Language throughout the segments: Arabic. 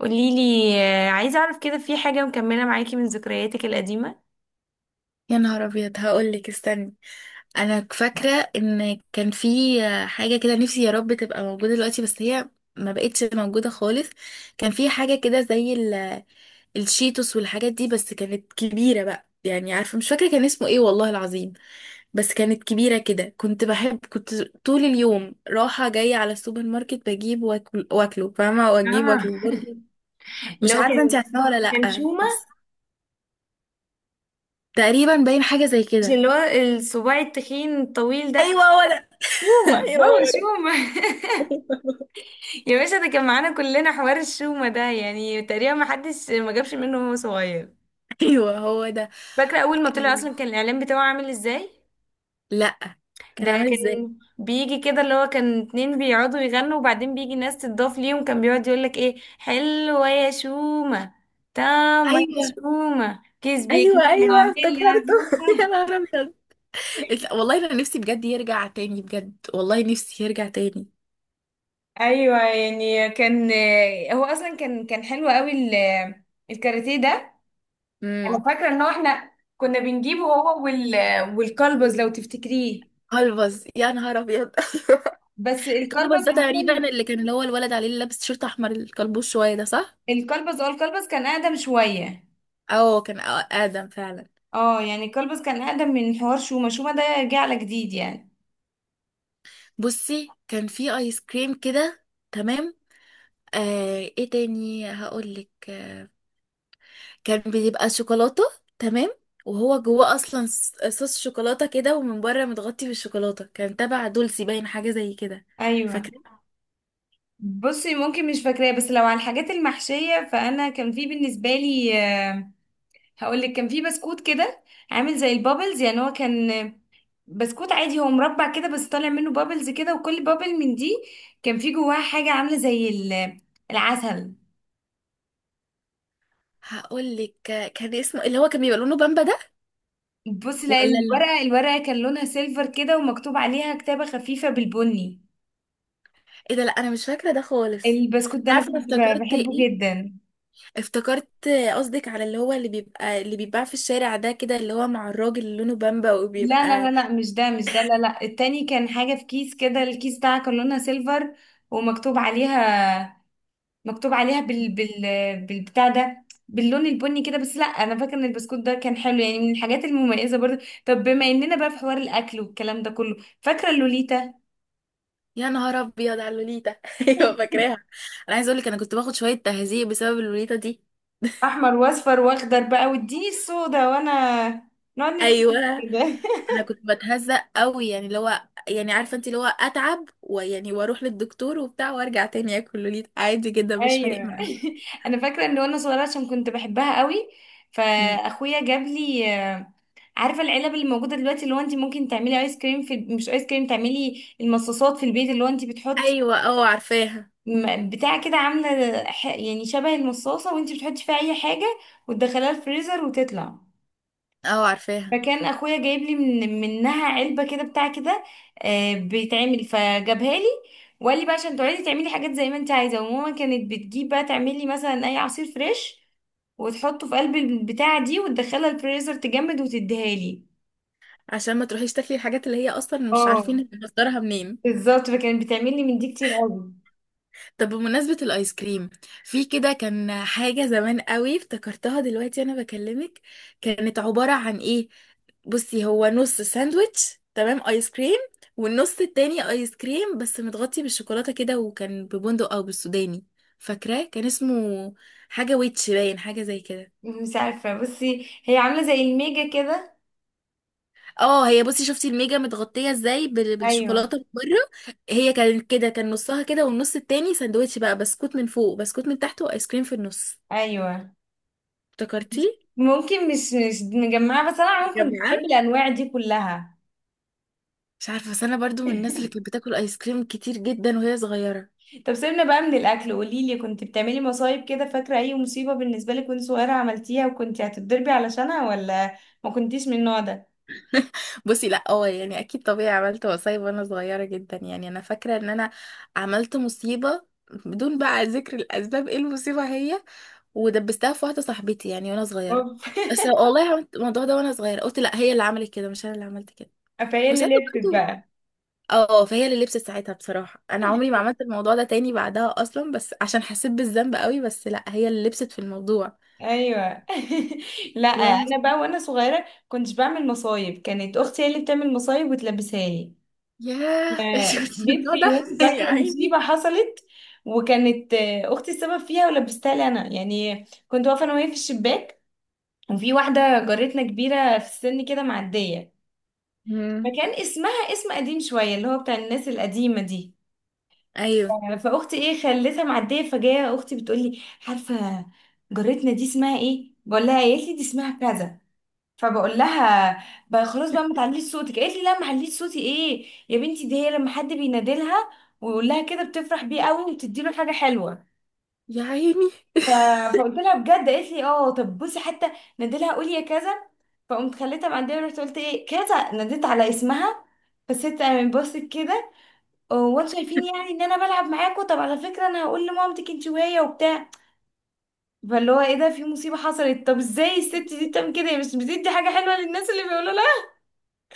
قوليلي آه، عايزة أعرف كده في حاجة مكملة معاكي من ذكرياتك القديمة. يا نهار ابيض، هقولك استني. انا فاكره ان كان في حاجه كده، نفسي يا رب تبقى موجوده دلوقتي، بس هي ما بقتش موجوده خالص. كان في حاجه كده زي الشيتوس والحاجات دي، بس كانت كبيره بقى. يعني عارفه، مش فاكره كان اسمه ايه والله العظيم. بس كانت كبيره كده، كنت طول اليوم رايحه جايه على السوبر ماركت، بجيب واكل واكله فاهمه، واجيب اه، واكله برضه. اللي مش هو عارفه انت كان عارفه ولا كان لا، شومة. بس تقريبا باين حاجه زي مش كده. اللي هو الصباع التخين الطويل ده؟ ايوه هو ده. شومة، ايوه هو هو ده. شومة. يا باشا ده كان معانا كلنا حوار الشومة ده، يعني تقريبا ما حدش ما جابش منه وهو صغير. ايوه هو ده. فاكرة أول ما طلع إيه؟ أصلا كان الإعلان بتاعه عامل إزاي؟ لا. كان ده عامل ازاي؟ كان بيجي كده اللي هو كان اتنين بيقعدوا يغنوا وبعدين بيجي ناس تضاف ليهم، كان بيقعد يقولك ايه، حلوة يا شومة، تامة يا ايوه شومة، كيس بيجي، ايوه ايوه عامل افتكرته. يا عزومة. نهار ابيض. والله انا نفسي بجد يرجع تاني، بجد والله نفسي يرجع تاني. ايوه يعني كان، هو اصلا كان حلو قوي ال- الكاراتيه ده. انا امم. فاكره ان هو احنا كنا بنجيبه هو وال والكلبز، لو تفتكريه. كلبز؟ يا نهار ابيض. ايوه. بس الكلبز الكلبز ده عموما، تقريبا اللي كان، اللي هو الولد عليه اللي لابس تيشيرت احمر، الكلبوش شويه ده، صح. الكلبز، اه الكلبز كان اقدم شويه. اه، كان ادم فعلا. اه يعني كلبز كان اقدم من حوار شومة، شومة ده جه على جديد يعني. بصي كان في ايس كريم كده. تمام. آه، ايه تاني هقول لك؟ كان بيبقى شوكولاتة. تمام. وهو جواه اصلا صوص شوكولاتة كده، ومن بره متغطي بالشوكولاتة. كان تبع دولسي باين حاجة زي كده. ايوه، فاكرة. بصي ممكن مش فاكراه، بس لو على الحاجات المحشية فانا كان في بالنسبة لي آه، هقولك كان في بسكوت كده عامل زي البابلز، يعني هو كان بسكوت عادي، هو مربع كده بس طالع منه بابلز كده، وكل بابل من دي كان في جواها حاجة عاملة زي ال- العسل. هقول لك، كان اسمه اللي هو كان بيبقى لونه بامبا ده. بصي لا، ولا لا، الورقة، الورقة كان لونها سيلفر كده ومكتوب عليها كتابة خفيفة بالبني. ايه ده؟ لا انا مش فاكرة ده خالص. البسكوت انت ده انا عارفة أنا كنت افتكرت بحبه ايه؟ جدا. افتكرت، قصدك على اللي هو اللي بيبقى اللي بيتباع في الشارع ده كده، اللي هو مع الراجل اللي لونه بامبا لا لا لا وبيبقى. لا مش ده، مش ده، لا لا، التاني كان حاجة في كيس كده، الكيس بتاعها كان لونها سيلفر ومكتوب عليها، مكتوب عليها بال بالبتاع ده باللون البني كده. بس لا انا فاكره ان البسكوت ده كان حلو، يعني من الحاجات المميزه برضه. طب بما اننا بقى في حوار الاكل والكلام ده كله، فاكره اللوليتا؟ يا نهار ابيض على اللوليتا. ايوه فاكراها. انا عايزه اقول لك انا كنت باخد شويه تهزيق بسبب اللوليتا دي. احمر واصفر واخضر بقى، واديني السودا، وانا نقعد نتكلم ايوه. كده. انا كنت بتهزق قوي، يعني اللي هو، يعني عارفه انت، اللي هو اتعب ويعني واروح للدكتور وبتاع، وارجع تاني اكل لوليت عادي جدا مش فارق ايوه. معايا. انا فاكره ان وانا صغيره، عشان كنت بحبها قوي، أمم. فاخويا جاب لي، عارفه العلب اللي موجوده دلوقتي، اللي هو انت ممكن تعملي ايس كريم في، مش ايس كريم، تعملي المصاصات في البيت، اللي هو انت بتحطي ايوه اه عارفاها. بتاع كده، عامله يعني شبه المصاصه، وانت بتحطي فيها اي حاجه وتدخليها الفريزر وتطلع. اه عارفاها. فكان اخويا جايب لي منها علبه كده، بتاع كده آه، بيتعمل، فجابها لي وقال لي بقى عشان تقعدي تعملي حاجات زي ما انت عايزه. وماما كانت بتجيب بقى تعملي مثلا اي عصير فريش وتحطه في قلب البتاعه دي وتدخلها الفريزر تجمد وتديها لي. عشان ما تروحيش تاكلي الحاجات اللي هي اصلا مش اه عارفين مصدرها منين. بالظبط، فكانت بتعمل لي من دي كتير قوي. طب بمناسبة الآيس كريم، في كده كان حاجة زمان قوي افتكرتها دلوقتي أنا بكلمك. كانت عبارة عن إيه؟ بصي، هو نص ساندويتش تمام آيس كريم، والنص التاني آيس كريم بس متغطي بالشوكولاتة كده، وكان ببندق أو بالسوداني. فاكراه كان اسمه حاجة ويتش باين حاجة زي كده. مش عارفه، بصي هي عامله زي الميجا كده. اه، هي بصي، شفتي الميجا متغطية ازاي ايوه، بالشوكولاتة من بره؟ هي كانت كده، كان نصها كده، والنص التاني ساندويتش بقى، بسكوت من فوق بسكوت من تحت وآيس كريم في النص. ايوه. افتكرتي؟ ممكن مش مجمعه، بس انا عموما يا كنت بحب جماعة الانواع دي كلها. مش عارفه، بس انا برضو من الناس اللي كانت بتاكل ايس كريم كتير جدا وهي صغيره. طب سيبنا بقى من الاكل، قولي لي كنت بتعملي مصايب كده؟ فاكره اي مصيبه بالنسبه لك وانت صغيره عملتيها وكنت هتتضربي علشانها، ولا ما كنتيش من النوع ده؟ بصي لا، اه يعني اكيد طبيعي عملت مصايب وانا صغيره جدا. يعني انا فاكره ان انا عملت مصيبه، بدون بقى ذكر الاسباب ايه المصيبه هي، ودبستها في واحده صاحبتي يعني وانا صغيره. اوف. بس والله عملت الموضوع ده وانا صغيره، قلت لا هي اللي عملت كده مش انا اللي عملت كده. فهي اللي وساعتها لبست برضو، بقى. اه فهي اللي لبست ساعتها. بصراحه انا عمري ما عملت الموضوع ده تاني بعدها اصلا، بس عشان حسيت بالذنب قوي. بس لا هي اللي لبست في الموضوع. ايوه. لا انا بقى وانا صغيره كنتش بعمل مصايب، كانت اختي هي اللي بتعمل مصايب وتلبسها لي. ياه. آه، شفت جيت النوع في ده. يوم يا فاكرة عيني. مصيبة حصلت، وكانت آه، أختي السبب فيها ولبستها لي أنا. يعني كنت واقفة أنا وهي في الشباك، وفي واحدة جارتنا كبيرة في السن كده معدية، مم. فكان اسمها اسم قديم شوية اللي هو بتاع الناس القديمة دي. ايوه. آه، فأختي إيه خلتها معدية، فجاية أختي بتقولي، عارفة جارتنا دي اسمها إيه؟ بقول لها، قالت لي دي اسمها كذا. فبقول لها، بقى خلاص بقى ما تعليش صوتك، قالت لي لا ما عليش صوتي ايه يا بنتي، دي هي لما حد بينادلها ويقول لها كده بتفرح بيه قوي وتدي له حاجه حلوه. يا عيني. ف- فقلت لها بجد؟ قالت لي اه، طب بصي حتى نادلها قولي يا كذا. فقمت خليتها معديه ورحت قلت ايه كذا، ناديت على اسمها، فالست قامت بصت كده، هو انتوا شايفين يعني ان انا بلعب معاكوا؟ طب على فكره انا هقول لمامتك انت وهي وبتاع. فاللي هو ايه ده، في مصيبه حصلت، طب ازاي الست دي بتعمل كده، هي مش بتدي حاجه حلوه للناس اللي بيقولوا؟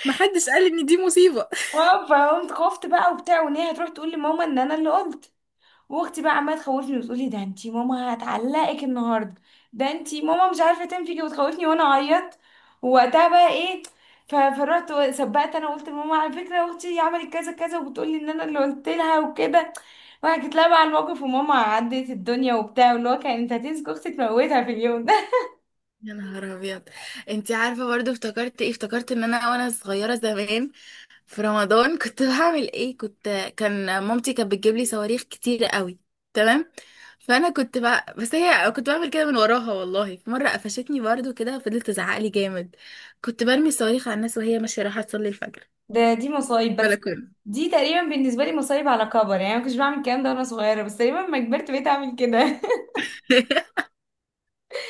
محدش قال ان دي مصيبة. اه، فقمت خفت بقى وبتاع، وان هي هتروح تقول لماما ان انا اللي قلت. واختي بقى عماله تخوفني وتقولي ده انتي ماما هتعلقك النهارده، ده انتي ماما مش عارفه تنفيكي، وتخوفني وانا اعيط. ووقتها بقى ايه، فرحت سبقت انا قلت لماما، على فكره اختي عملت كذا كذا وبتقولي ان انا اللي قلت لها وكده، وحكيت لها بقى على الموقف، وماما عدت الدنيا وبتاع، واللي هو كانت هتمسك اختي تموتها في اليوم ده. يا نهار ابيض. انتي عارفة برضو افتكرت ايه؟ افتكرت ان انا وانا صغيرة زمان في رمضان كنت بعمل ايه. كنت، كان مامتي كانت بتجيب لي صواريخ كتير قوي، تمام، فانا كنت بقى، بس هي كنت بعمل كده من وراها. والله في مرة قفشتني برضو كده، فضلت تزعق لي جامد. كنت برمي الصواريخ على الناس وهي ماشية رايحة تصلي الفجر. ده دي مصايب بس، بلكونة. دي تقريبا بالنسبة لي مصايب على كبر، يعني أنا ما كنتش بعمل الكلام ده وأنا صغيرة، بس تقريبا لما كبرت بقيت أعمل كده.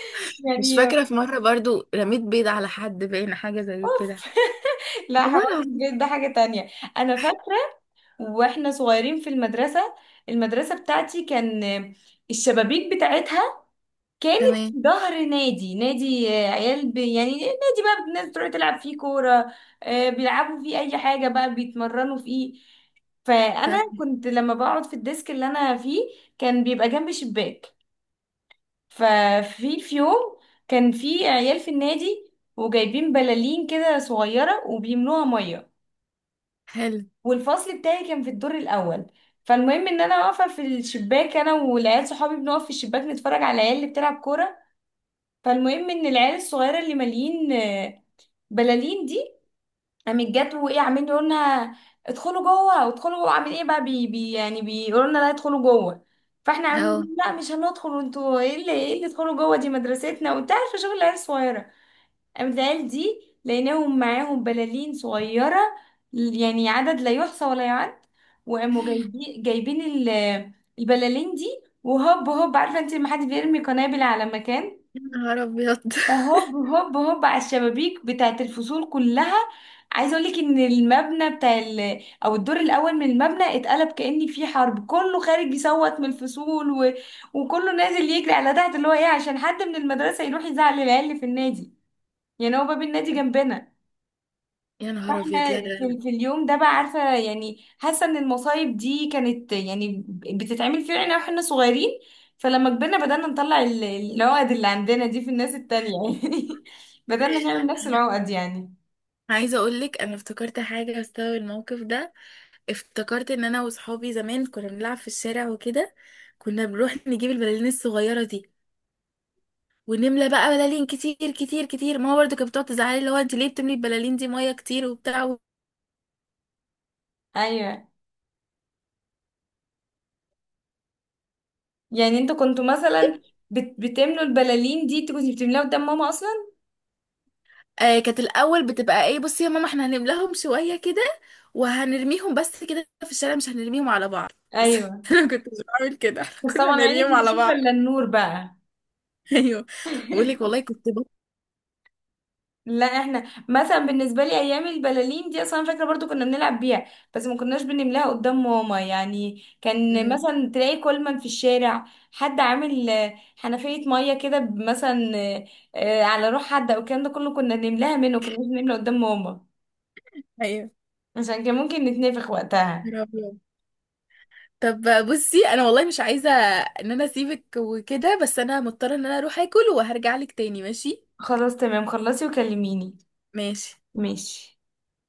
مش يعني. فاكرة، في مرة برضو رميت بيض على حد باين حاجة زي كده. أوف. لا والله حوار العظيم. البيت ده حاجة تانية. أنا فاكرة وإحنا صغيرين في المدرسة، المدرسة بتاعتي كان الشبابيك بتاعتها كانت تمام. في ظهر نادي، نادي آه، عيال ب... يعني نادي بقى الناس تروح تلعب فيه كورة، آه، بيلعبوا فيه أي حاجة بقى، بيتمرنوا فيه. فأنا تمام. كنت لما بقعد في الديسك اللي أنا فيه كان بيبقى جنب شباك. في يوم كان في عيال في النادي وجايبين بلالين كده صغيرة وبيملوها مية، حلو. والفصل بتاعي كان في الدور الأول. فالمهم ان انا واقفه في الشباك انا والعيال صحابي بنقف في الشباك نتفرج على العيال اللي بتلعب كوره. فالمهم ان العيال الصغيره اللي مالين آه، بلالين دي، قامت جت وايه عاملين يقولوا لنا ادخلوا جوه، وادخلوا جوه، عامل ايه بقى بي بي، يعني بيقولوا لنا لا ادخلوا جوه. فاحنا اه. عاملين لا مش هندخل، وانتوا ايه اللي، ايه اللي ادخلوا جوه، دي مدرستنا، وانت عارفه شغل العيال الصغيره. قامت العيال دي لقيناهم معاهم بلالين صغيره، يعني عدد لا يحصى ولا يعد، وقاموا جايبين ال- البلالين دي، وهوب هوب، عارفه انت لما حد بيرمي قنابل على مكان، يا نهار ابيض. هوب هوب هوب على الشبابيك بتاعت الفصول كلها. عايزه اقول لك ان المبنى بتاع ال... او الدور الاول من المبنى اتقلب كأن في حرب، كله خارج يصوت من الفصول و... وكله نازل يجري على تحت، اللي هو ايه عشان حد من المدرسه يروح يزعل العيال اللي في النادي، يعني هو باب النادي جنبنا. يا نهار ابيض، لا فاحنا لا لا. في اليوم ده بقى، عارفه يعني، حاسه ان المصايب دي كانت يعني بتتعمل فينا احنا واحنا صغيرين، فلما كبرنا بدأنا نطلع ال- العقد اللي عندنا دي في الناس التانية، يعني بدأنا نعمل نفس العقد يعني. أنا عايزة اقولك انا افتكرت حاجة بسبب الموقف ده. افتكرت ان انا وصحابي زمان كنا بنلعب في الشارع وكده، كنا بنروح نجيب البلالين الصغيرة دي، ونملى بقى بلالين كتير كتير كتير. ماما برضو كانت بتقعد تزعلي، اللي هو انت ليه بتملي البلالين دي مية كتير وبتاع. ايوه، يعني انتوا كنتوا مثلا بتملوا البلالين دي، انتوا كنتوا بتملاها قدام ماما اصلا؟ آه كانت الاول بتبقى ايه، بصي يا ماما احنا هنملاهم شويه كده وهنرميهم بس كده في الشارع، مش هنرميهم على بعض. بس ايوه، انا كنت مش بعمل كده. احنا بس كنا طبعا عينك بنرميهم مش على شايفه بعض. الا النور بقى. ايوه. بقول لك والله كنت بط... لا احنا، مثلا بالنسبه لي ايام البلالين دي اصلا فاكره برضو كنا بنلعب بيها، بس ما كناش بنملاها قدام ماما. يعني كان أمم، مثلا تلاقي كولمان في الشارع، حد عامل آه، حنفيه ميه كده، ب- مثلا آه، آه، على روح حد، او الكلام ده كله كنا بنملاها منه، كنا بنملى قدام ماما ايوه. عشان كان ممكن نتنفخ وقتها. يا رب. طب بصي انا والله مش عايزه ان انا اسيبك وكده، بس انا مضطره ان انا اروح اكل، وهرجع لك تاني ماشي؟ خلاص تمام، خلصي وكلميني. ماشي. ماشي.